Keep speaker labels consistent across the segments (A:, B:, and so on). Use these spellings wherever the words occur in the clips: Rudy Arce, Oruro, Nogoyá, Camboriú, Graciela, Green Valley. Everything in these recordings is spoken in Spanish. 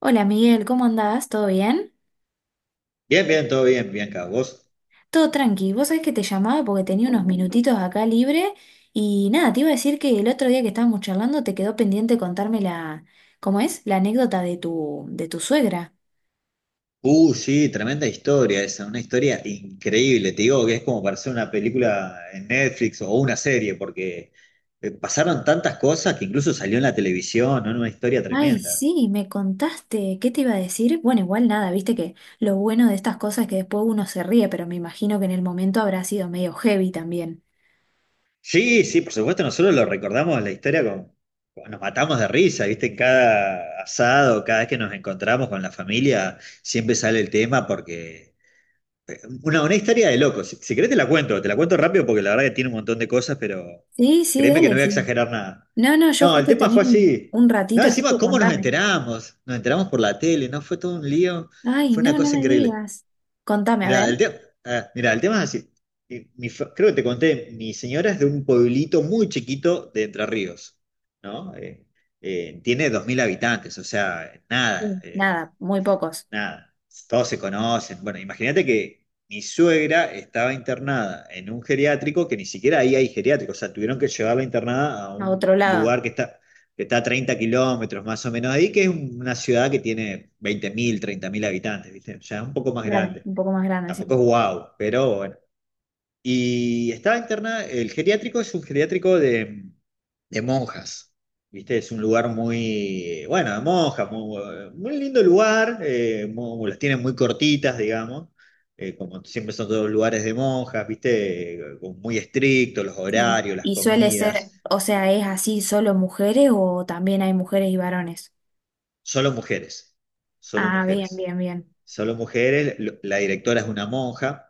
A: Hola, Miguel, ¿cómo andás? ¿Todo bien?
B: Bien, bien, todo bien, Bianca. ¿Vos?
A: Todo tranqui. Vos sabés que te llamaba porque tenía unos minutitos acá libre y nada, te iba a decir que el otro día que estábamos charlando te quedó pendiente contarme ¿cómo es? La anécdota de tu suegra.
B: Sí, tremenda historia esa, una historia increíble. Te digo que es como para hacer una película en Netflix o una serie, porque pasaron tantas cosas que incluso salió en la televisión, ¿no? Una historia
A: Ay,
B: tremenda.
A: sí, me contaste. ¿Qué te iba a decir? Bueno, igual nada, viste que lo bueno de estas cosas es que después uno se ríe, pero me imagino que en el momento habrá sido medio heavy también.
B: Sí, sí, por supuesto, nosotros lo recordamos la historia nos matamos de risa, ¿viste? En cada asado, cada vez que nos encontramos con la familia, siempre sale el tema porque una historia de locos. Si querés te la cuento rápido porque la verdad que tiene un montón de cosas, pero
A: Sí, sí,
B: créeme que no
A: dale,
B: voy a
A: sí.
B: exagerar nada.
A: No, no, yo
B: No, el
A: justo
B: tema
A: tenía
B: fue
A: un,
B: así.
A: un
B: No,
A: ratito, así
B: encima,
A: que
B: ¿cómo nos
A: contame.
B: enteramos? Nos enteramos por la tele, ¿no? Fue todo un lío,
A: Ay,
B: fue una
A: no, no
B: cosa
A: me
B: increíble.
A: digas. Contame, a ver.
B: Mira, el tema, mira, el tema es así. Y creo que te conté, mi señora es de un pueblito muy chiquito de Entre Ríos, ¿no? Tiene 2.000 habitantes, o sea, nada.
A: Sí.
B: eh,
A: Nada, muy pocos.
B: nada, todos se conocen. Bueno, imagínate que mi suegra estaba internada en un geriátrico que ni siquiera ahí hay geriátrico, o sea, tuvieron que llevarla internada a
A: A
B: un
A: otro lado,
B: lugar que está a 30 kilómetros más o menos de ahí, que es una ciudad que tiene veinte mil 30.000 habitantes, ¿viste? Ya es un poco más
A: claro,
B: grande.
A: un poco más grande, sí.
B: Tampoco es guau, pero bueno. Y estaba internada, el geriátrico es un geriátrico de monjas. ¿Viste? Es un lugar muy, bueno, de monjas, muy, muy lindo lugar, las tienen muy cortitas, digamos, como siempre son todos lugares de monjas, ¿viste? Como muy estrictos, los
A: Sí.
B: horarios, las
A: Y suele ser,
B: comidas,
A: o sea, ¿es así solo mujeres o también hay mujeres y varones?
B: solo mujeres, solo
A: Ah, bien,
B: mujeres,
A: bien, bien.
B: solo mujeres, la directora es una monja.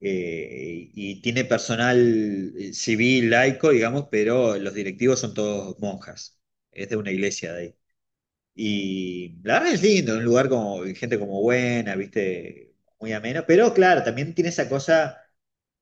B: Y tiene personal civil, laico, digamos, pero los directivos son todos monjas. Es de una iglesia de ahí. Y la verdad es lindo, un lugar como gente como buena, viste, muy ameno, pero claro, también tiene esa cosa,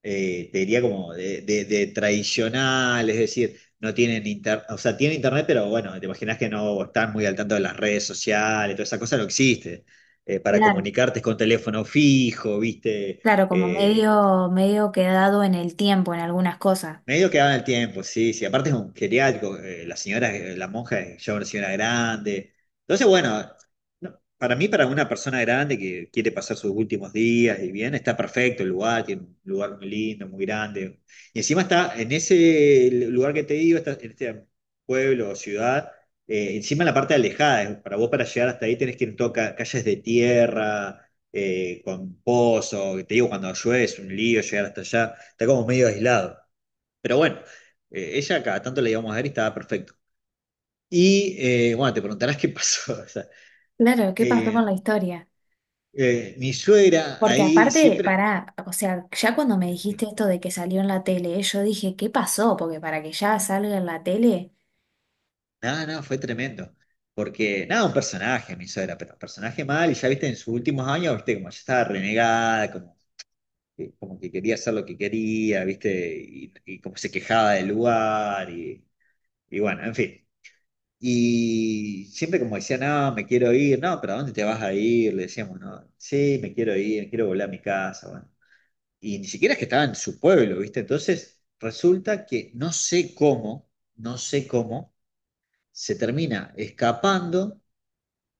B: te diría como de, de tradicional, es decir, no tienen internet, o sea, tienen internet, pero bueno, te imaginas que no están muy al tanto de las redes sociales, toda esa cosa no existe. Para
A: Claro,
B: comunicarte es con teléfono fijo, viste,
A: claro, como
B: Eh,
A: medio, medio quedado en el tiempo en algunas cosas.
B: Medio que en el tiempo, sí, sí. Aparte es un geriátrico, la señora, la monja es ya una señora grande. Entonces, bueno, no, para mí, para una persona grande que quiere pasar sus últimos días y bien, está perfecto el lugar, tiene un lugar muy lindo, muy grande. Y encima está en ese lugar que te digo, está en este pueblo o ciudad, encima en la parte alejada. Para vos, para llegar hasta ahí, tenés que ir en todo calles de tierra. Con pozo, que te digo, cuando llueve es un lío llegar hasta allá, está como medio aislado. Pero bueno, ella cada tanto la íbamos a ver y estaba perfecto. Y bueno, te preguntarás qué pasó. O sea,
A: Claro, ¿qué pasó con
B: eh,
A: la historia?
B: mi suegra
A: Porque
B: ahí
A: aparte,
B: siempre.
A: pará, o sea, ya cuando me
B: Sí,
A: dijiste esto de que salió en la tele, yo dije, ¿qué pasó? Porque para que ya salga en la tele.
B: nada, nada, fue tremendo. Porque, nada, un personaje, mi suegra, pero un personaje mal. Y ya viste, en sus últimos años, viste, como ya estaba renegada, como, como que quería hacer lo que quería, viste, y como se quejaba del lugar. Y bueno, en fin. Y siempre como decía, no, me quiero ir, no, pero ¿a dónde te vas a ir? Le decíamos, no, sí, me quiero ir, me quiero volver a mi casa, bueno. Y ni siquiera es que estaba en su pueblo, ¿viste? Entonces, resulta que no sé cómo, se termina escapando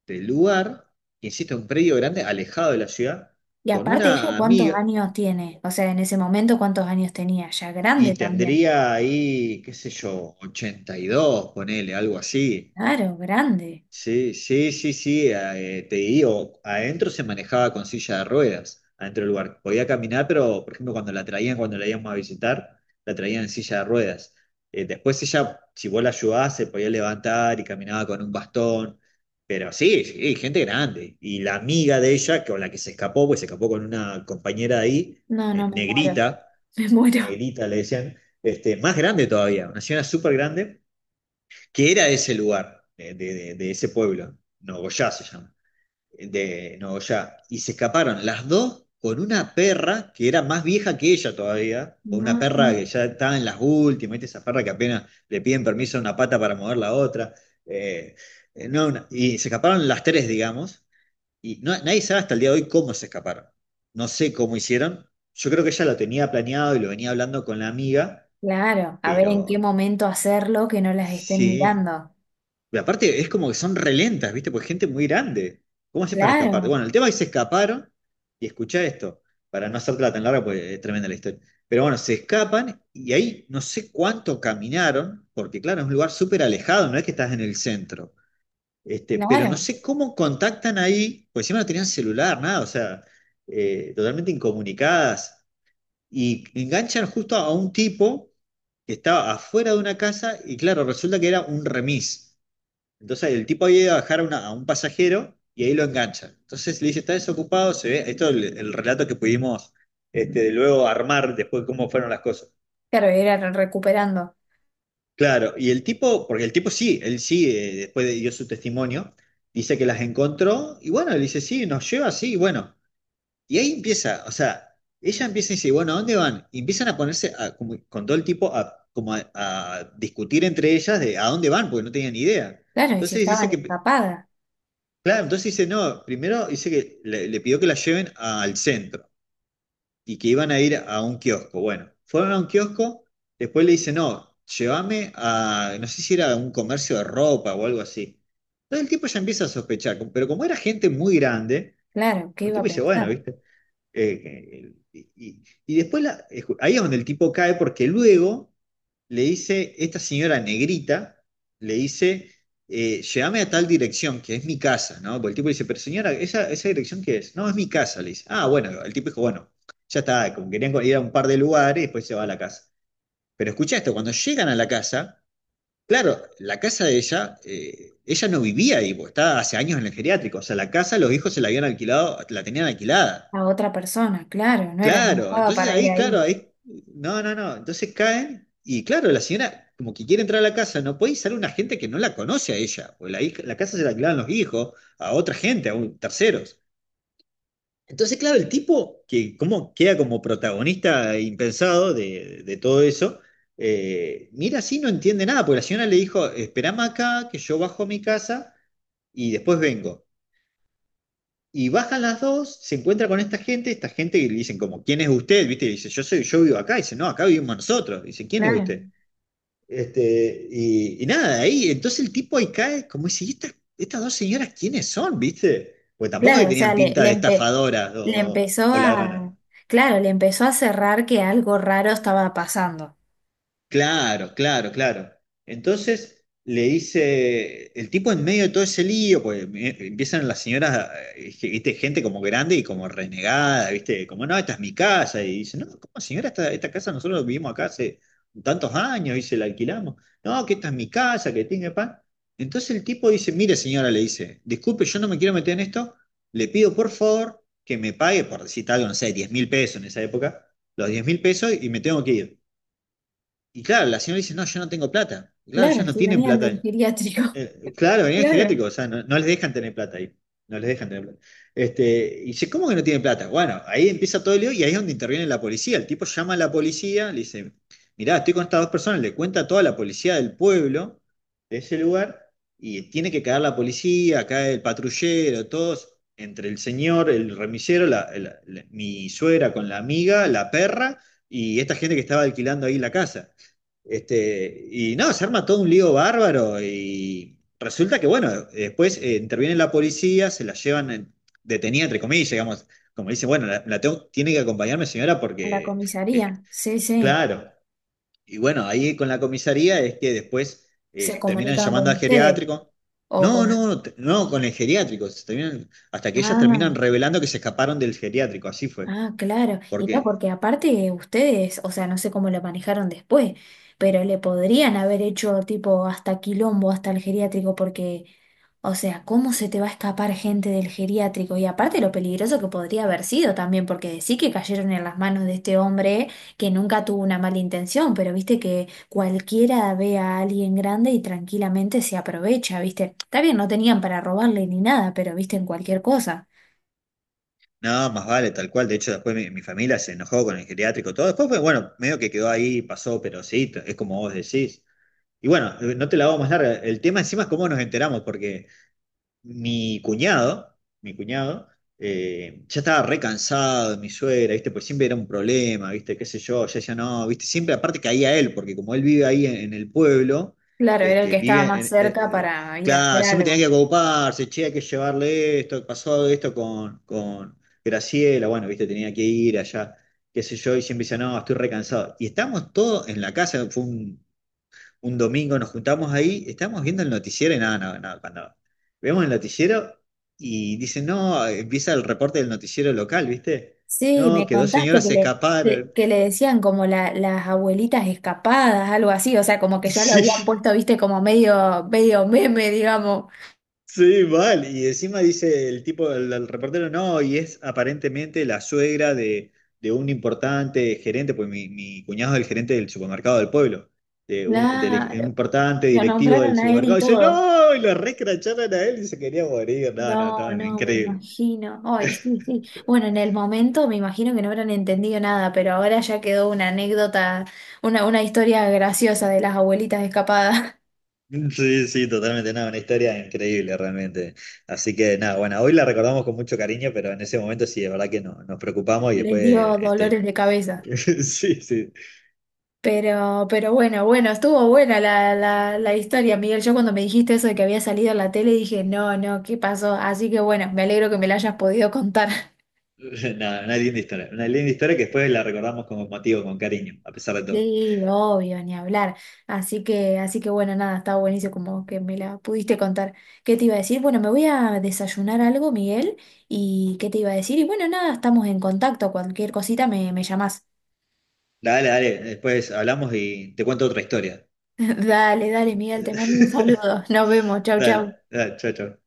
B: del lugar, que insisto, un predio grande, alejado de la ciudad,
A: Y
B: con
A: aparte ella,
B: una
A: ¿cuántos
B: amiga,
A: años tiene? O sea, en ese momento, ¿cuántos años tenía? Ya grande
B: y
A: también.
B: tendría ahí, qué sé yo, 82 ponele, algo así.
A: Claro, grande.
B: Sí, sí, sí, sí, te digo, adentro se manejaba con silla de ruedas, adentro del lugar. Podía caminar, pero por ejemplo cuando la traían, cuando la íbamos a visitar, la traían en silla de ruedas. Después ella, si vos la ayudabas, se podía levantar y caminaba con un bastón, pero sí, sí, gente grande. Y la amiga de ella, con la que se escapó, pues se escapó con una compañera de ahí,
A: No,
B: eh,
A: no, me muero.
B: negrita,
A: Me muero.
B: negrita le decían, este, más grande todavía, una señora súper grande que era ese lugar, de, de ese pueblo, Nogoyá se llama, de Nogoyá, y se escaparon las dos con una perra que era más vieja que ella todavía, con una
A: No,
B: perra
A: no.
B: que ya estaba en las últimas, ¿viste? Esa perra que apenas le piden permiso a una pata para mover la otra, eh, no, y se escaparon las tres, digamos, y nadie sabe hasta el día de hoy cómo se escaparon, no sé cómo hicieron, yo creo que ella lo tenía planeado y lo venía hablando con la amiga,
A: Claro, a ver en qué
B: pero
A: momento hacerlo que no las estén
B: sí.
A: mirando.
B: Y aparte es como que son relentas, ¿viste? Porque es gente muy grande. ¿Cómo haces para escapar?
A: Claro,
B: Bueno, el tema es que se escaparon y escuchá esto, para no hacértela tan larga, porque es tremenda la historia. Pero bueno, se escapan y ahí no sé cuánto caminaron, porque claro, es un lugar súper alejado, no es que estás en el centro. Este, pero no
A: claro.
B: sé cómo contactan ahí, porque encima no tenían celular, nada, o sea, totalmente incomunicadas. Y enganchan justo a un tipo que estaba afuera de una casa y claro, resulta que era un remis. Entonces el tipo había ido a dejar a a un pasajero y ahí lo engancha. Entonces le dice, está desocupado, se ve, esto es el relato que pudimos este, luego armar después de cómo fueron las cosas.
A: Claro, era recuperando.
B: Claro, y el tipo, porque el tipo sí, él sí, dio su testimonio, dice que las encontró y bueno, le dice, sí, nos lleva, sí, y bueno. Y ahí empieza, o sea, ella empieza y dice, bueno, ¿a dónde van? Y empiezan a ponerse, con todo el tipo, a discutir entre ellas de a dónde van, porque no tenían ni idea.
A: Claro, y si
B: Entonces dice
A: estaban
B: que
A: escapadas.
B: Claro, entonces dice, no, primero dice que le pidió que la lleven al centro y que iban a ir a un kiosco. Bueno, fueron a un kiosco, después le dice, no, llévame a, no sé si era un comercio de ropa o algo así. Entonces el tipo ya empieza a sospechar, pero como era gente muy grande,
A: Claro, ¿qué
B: el
A: iba
B: tipo
A: a
B: dice,
A: pensar?
B: bueno, ¿viste? Y después la- ahí es donde el tipo cae porque luego le dice, esta señora negrita, le dice, llévame a tal dirección, que es mi casa, ¿no? Porque el tipo le dice, pero señora, ¿esa dirección qué es? No, es mi casa, le dice. Ah, bueno, el tipo dijo, bueno, ya está, como querían ir a un par de lugares después se va a la casa. Pero escucha esto, cuando llegan a la casa, claro, la casa de ella, ella no vivía ahí, porque estaba hace años en el geriátrico, o sea, la casa los hijos se la habían alquilado, la tenían alquilada.
A: A otra persona, claro, no era, no
B: Claro,
A: estaba
B: entonces
A: para ir
B: ahí, claro,
A: ahí.
B: ahí, no, no, no, entonces caen y claro, la señora como que quiere entrar a la casa, no puede usar una gente que no la conoce a ella, o la, la casa se la alquilaban los hijos, a otra gente, a terceros. Entonces, claro, el tipo que como, queda como protagonista impensado de todo eso, mira así, no entiende nada, porque la señora le dijo, esperame acá, que yo bajo a mi casa y después vengo. Y bajan las dos, se encuentra con esta gente que le dicen como, ¿quién es usted? ¿Viste? Y dice, yo soy, yo vivo acá. Y dice, no, acá vivimos nosotros. Y dice, ¿quién es usted?
A: Claro.
B: Este, y nada, ahí, entonces el tipo ahí cae como dice, ¿y estas, estas dos señoras quiénes son? ¿Viste? Pues tampoco es que
A: Claro, o sea,
B: tenían pinta de estafadoras
A: le
B: o,
A: empezó
B: o ladronas.
A: claro, le empezó a cerrar que algo raro estaba pasando.
B: Claro, claro, claro. Entonces le dice, el tipo en medio de todo ese lío, pues empiezan las señoras, viste, gente como grande y como renegada, viste, como no, esta es mi casa, y dice, no, ¿cómo señora, esta casa nosotros vivimos acá hace tantos años, y se la alquilamos, no, que esta es mi casa, que tiene pan. Entonces el tipo dice, mire señora, le dice, disculpe, yo no me quiero meter en esto, le pido por favor que me pague, por decir algo, no sé, $10.000 en esa época, los $10.000 y me tengo que ir. Y claro, la señora dice, no, yo no tengo plata. Y claro, ellos
A: Claro,
B: no
A: sí,
B: tienen
A: venían del
B: plata.
A: geriátrico.
B: Claro, venían
A: Claro,
B: geriátricos, o sea, no, no les dejan tener plata ahí. No les dejan tener plata. Este, y dice, ¿cómo que no tienen plata? Bueno, ahí empieza todo el lío y ahí es donde interviene la policía. El tipo llama a la policía, le dice, mirá, estoy con estas dos personas, le cuenta a toda la policía del pueblo, de ese lugar, y tiene que caer la policía, cae el patrullero, todos, entre el señor, el remisero, mi suegra con la amiga, la perra, y esta gente que estaba alquilando ahí la casa. Este, y no, se arma todo un lío bárbaro y resulta que, bueno, después interviene la policía, se la llevan detenida, entre comillas, digamos, como dice, bueno, tiene que acompañarme señora
A: a la
B: porque, eh,
A: comisaría, sí, sí,
B: claro, y bueno, ahí con la comisaría es que después
A: se
B: terminan
A: comunican
B: llamando
A: con
B: al
A: ustedes
B: geriátrico.
A: o
B: No,
A: con...
B: no, no, con el geriátrico, se terminan, hasta que ellas terminan
A: Ah.
B: revelando que se escaparon del geriátrico, así fue.
A: Ah, claro. Y no,
B: Porque
A: porque aparte ustedes, o sea, no sé cómo lo manejaron después, pero le podrían haber hecho tipo hasta quilombo, hasta el geriátrico, porque, o sea, ¿cómo se te va a escapar gente del geriátrico? Y aparte lo peligroso que podría haber sido también, porque decir que cayeron en las manos de este hombre que nunca tuvo una mala intención, pero viste que cualquiera ve a alguien grande y tranquilamente se aprovecha, viste. Está bien, no tenían para robarle ni nada, pero viste en cualquier cosa.
B: no, más vale, tal cual. De hecho, después mi familia se enojó con el geriátrico, todo. Después, fue, bueno, medio que quedó ahí, pasó, pero sí, es como vos decís. Y bueno, no te la hago más larga. El tema encima es cómo nos enteramos, porque mi cuñado, ya estaba re cansado de mi suegra, ¿viste? Pues siempre era un problema, ¿viste? Qué sé yo, ya no, ¿viste? Siempre aparte caía él, porque como él vive ahí en el pueblo,
A: Claro, era el
B: este,
A: que estaba
B: vive en,
A: más cerca para ir a hacer
B: claro, siempre
A: algo.
B: tenía que ocuparse, che, hay que llevarle esto, pasó esto con Graciela, bueno, ¿viste? Tenía que ir allá, qué sé yo, y siempre decía, no, estoy re cansado. Y estamos todos en la casa, fue un domingo nos juntamos ahí, estábamos viendo el noticiero y nada, no, no, cuando vemos el noticiero y dicen, no, empieza el reporte del noticiero local, ¿viste?
A: Sí,
B: No,
A: me
B: que dos
A: contaste
B: señoras
A: que
B: se escaparon.
A: que le decían como las abuelitas escapadas, algo así, o sea, como que ya lo habían
B: Sí,
A: puesto, viste, como medio, medio meme, digamos.
B: sí, mal. Y encima dice el tipo, el reportero, no, y es aparentemente la suegra de un importante gerente, pues mi cuñado es el gerente del supermercado del pueblo. Un
A: Claro,
B: importante
A: lo
B: directivo del
A: nombraron a él y
B: supermercado, y dice,
A: todo.
B: no, y lo recracharon a él y se quería morir, no, no,
A: No,
B: no,
A: no, me
B: increíble.
A: imagino. Ay, sí, sí. Bueno, en el momento me imagino que no habrán entendido nada, pero ahora ya quedó una anécdota, una historia graciosa de las abuelitas escapadas.
B: Sí, sí, totalmente, nada, una historia increíble realmente. Así que nada, bueno, hoy la recordamos con mucho cariño, pero en ese momento sí, es verdad que no, nos preocupamos y
A: Les
B: después,
A: dio
B: este,
A: dolores de cabeza.
B: sí, sí,
A: Pero bueno, bueno, estuvo buena la historia, Miguel. Yo cuando me dijiste eso de que había salido en la tele dije, no, no, ¿qué pasó? Así que bueno, me alegro que me la hayas podido contar.
B: nada, una linda historia que después la recordamos con motivo, con cariño, a pesar de todo.
A: Sí, obvio, ni hablar. Así que bueno, nada, estaba buenísimo como que me la pudiste contar. ¿Qué te iba a decir? Bueno, me voy a desayunar algo, Miguel. ¿Y qué te iba a decir? Y bueno, nada, estamos en contacto. Cualquier cosita me llamás.
B: Dale, dale, después hablamos y te cuento otra historia.
A: Dale, dale, Miguel, te mando un saludo. Nos vemos. Chau,
B: Dale,
A: chau.
B: dale, chao, chao.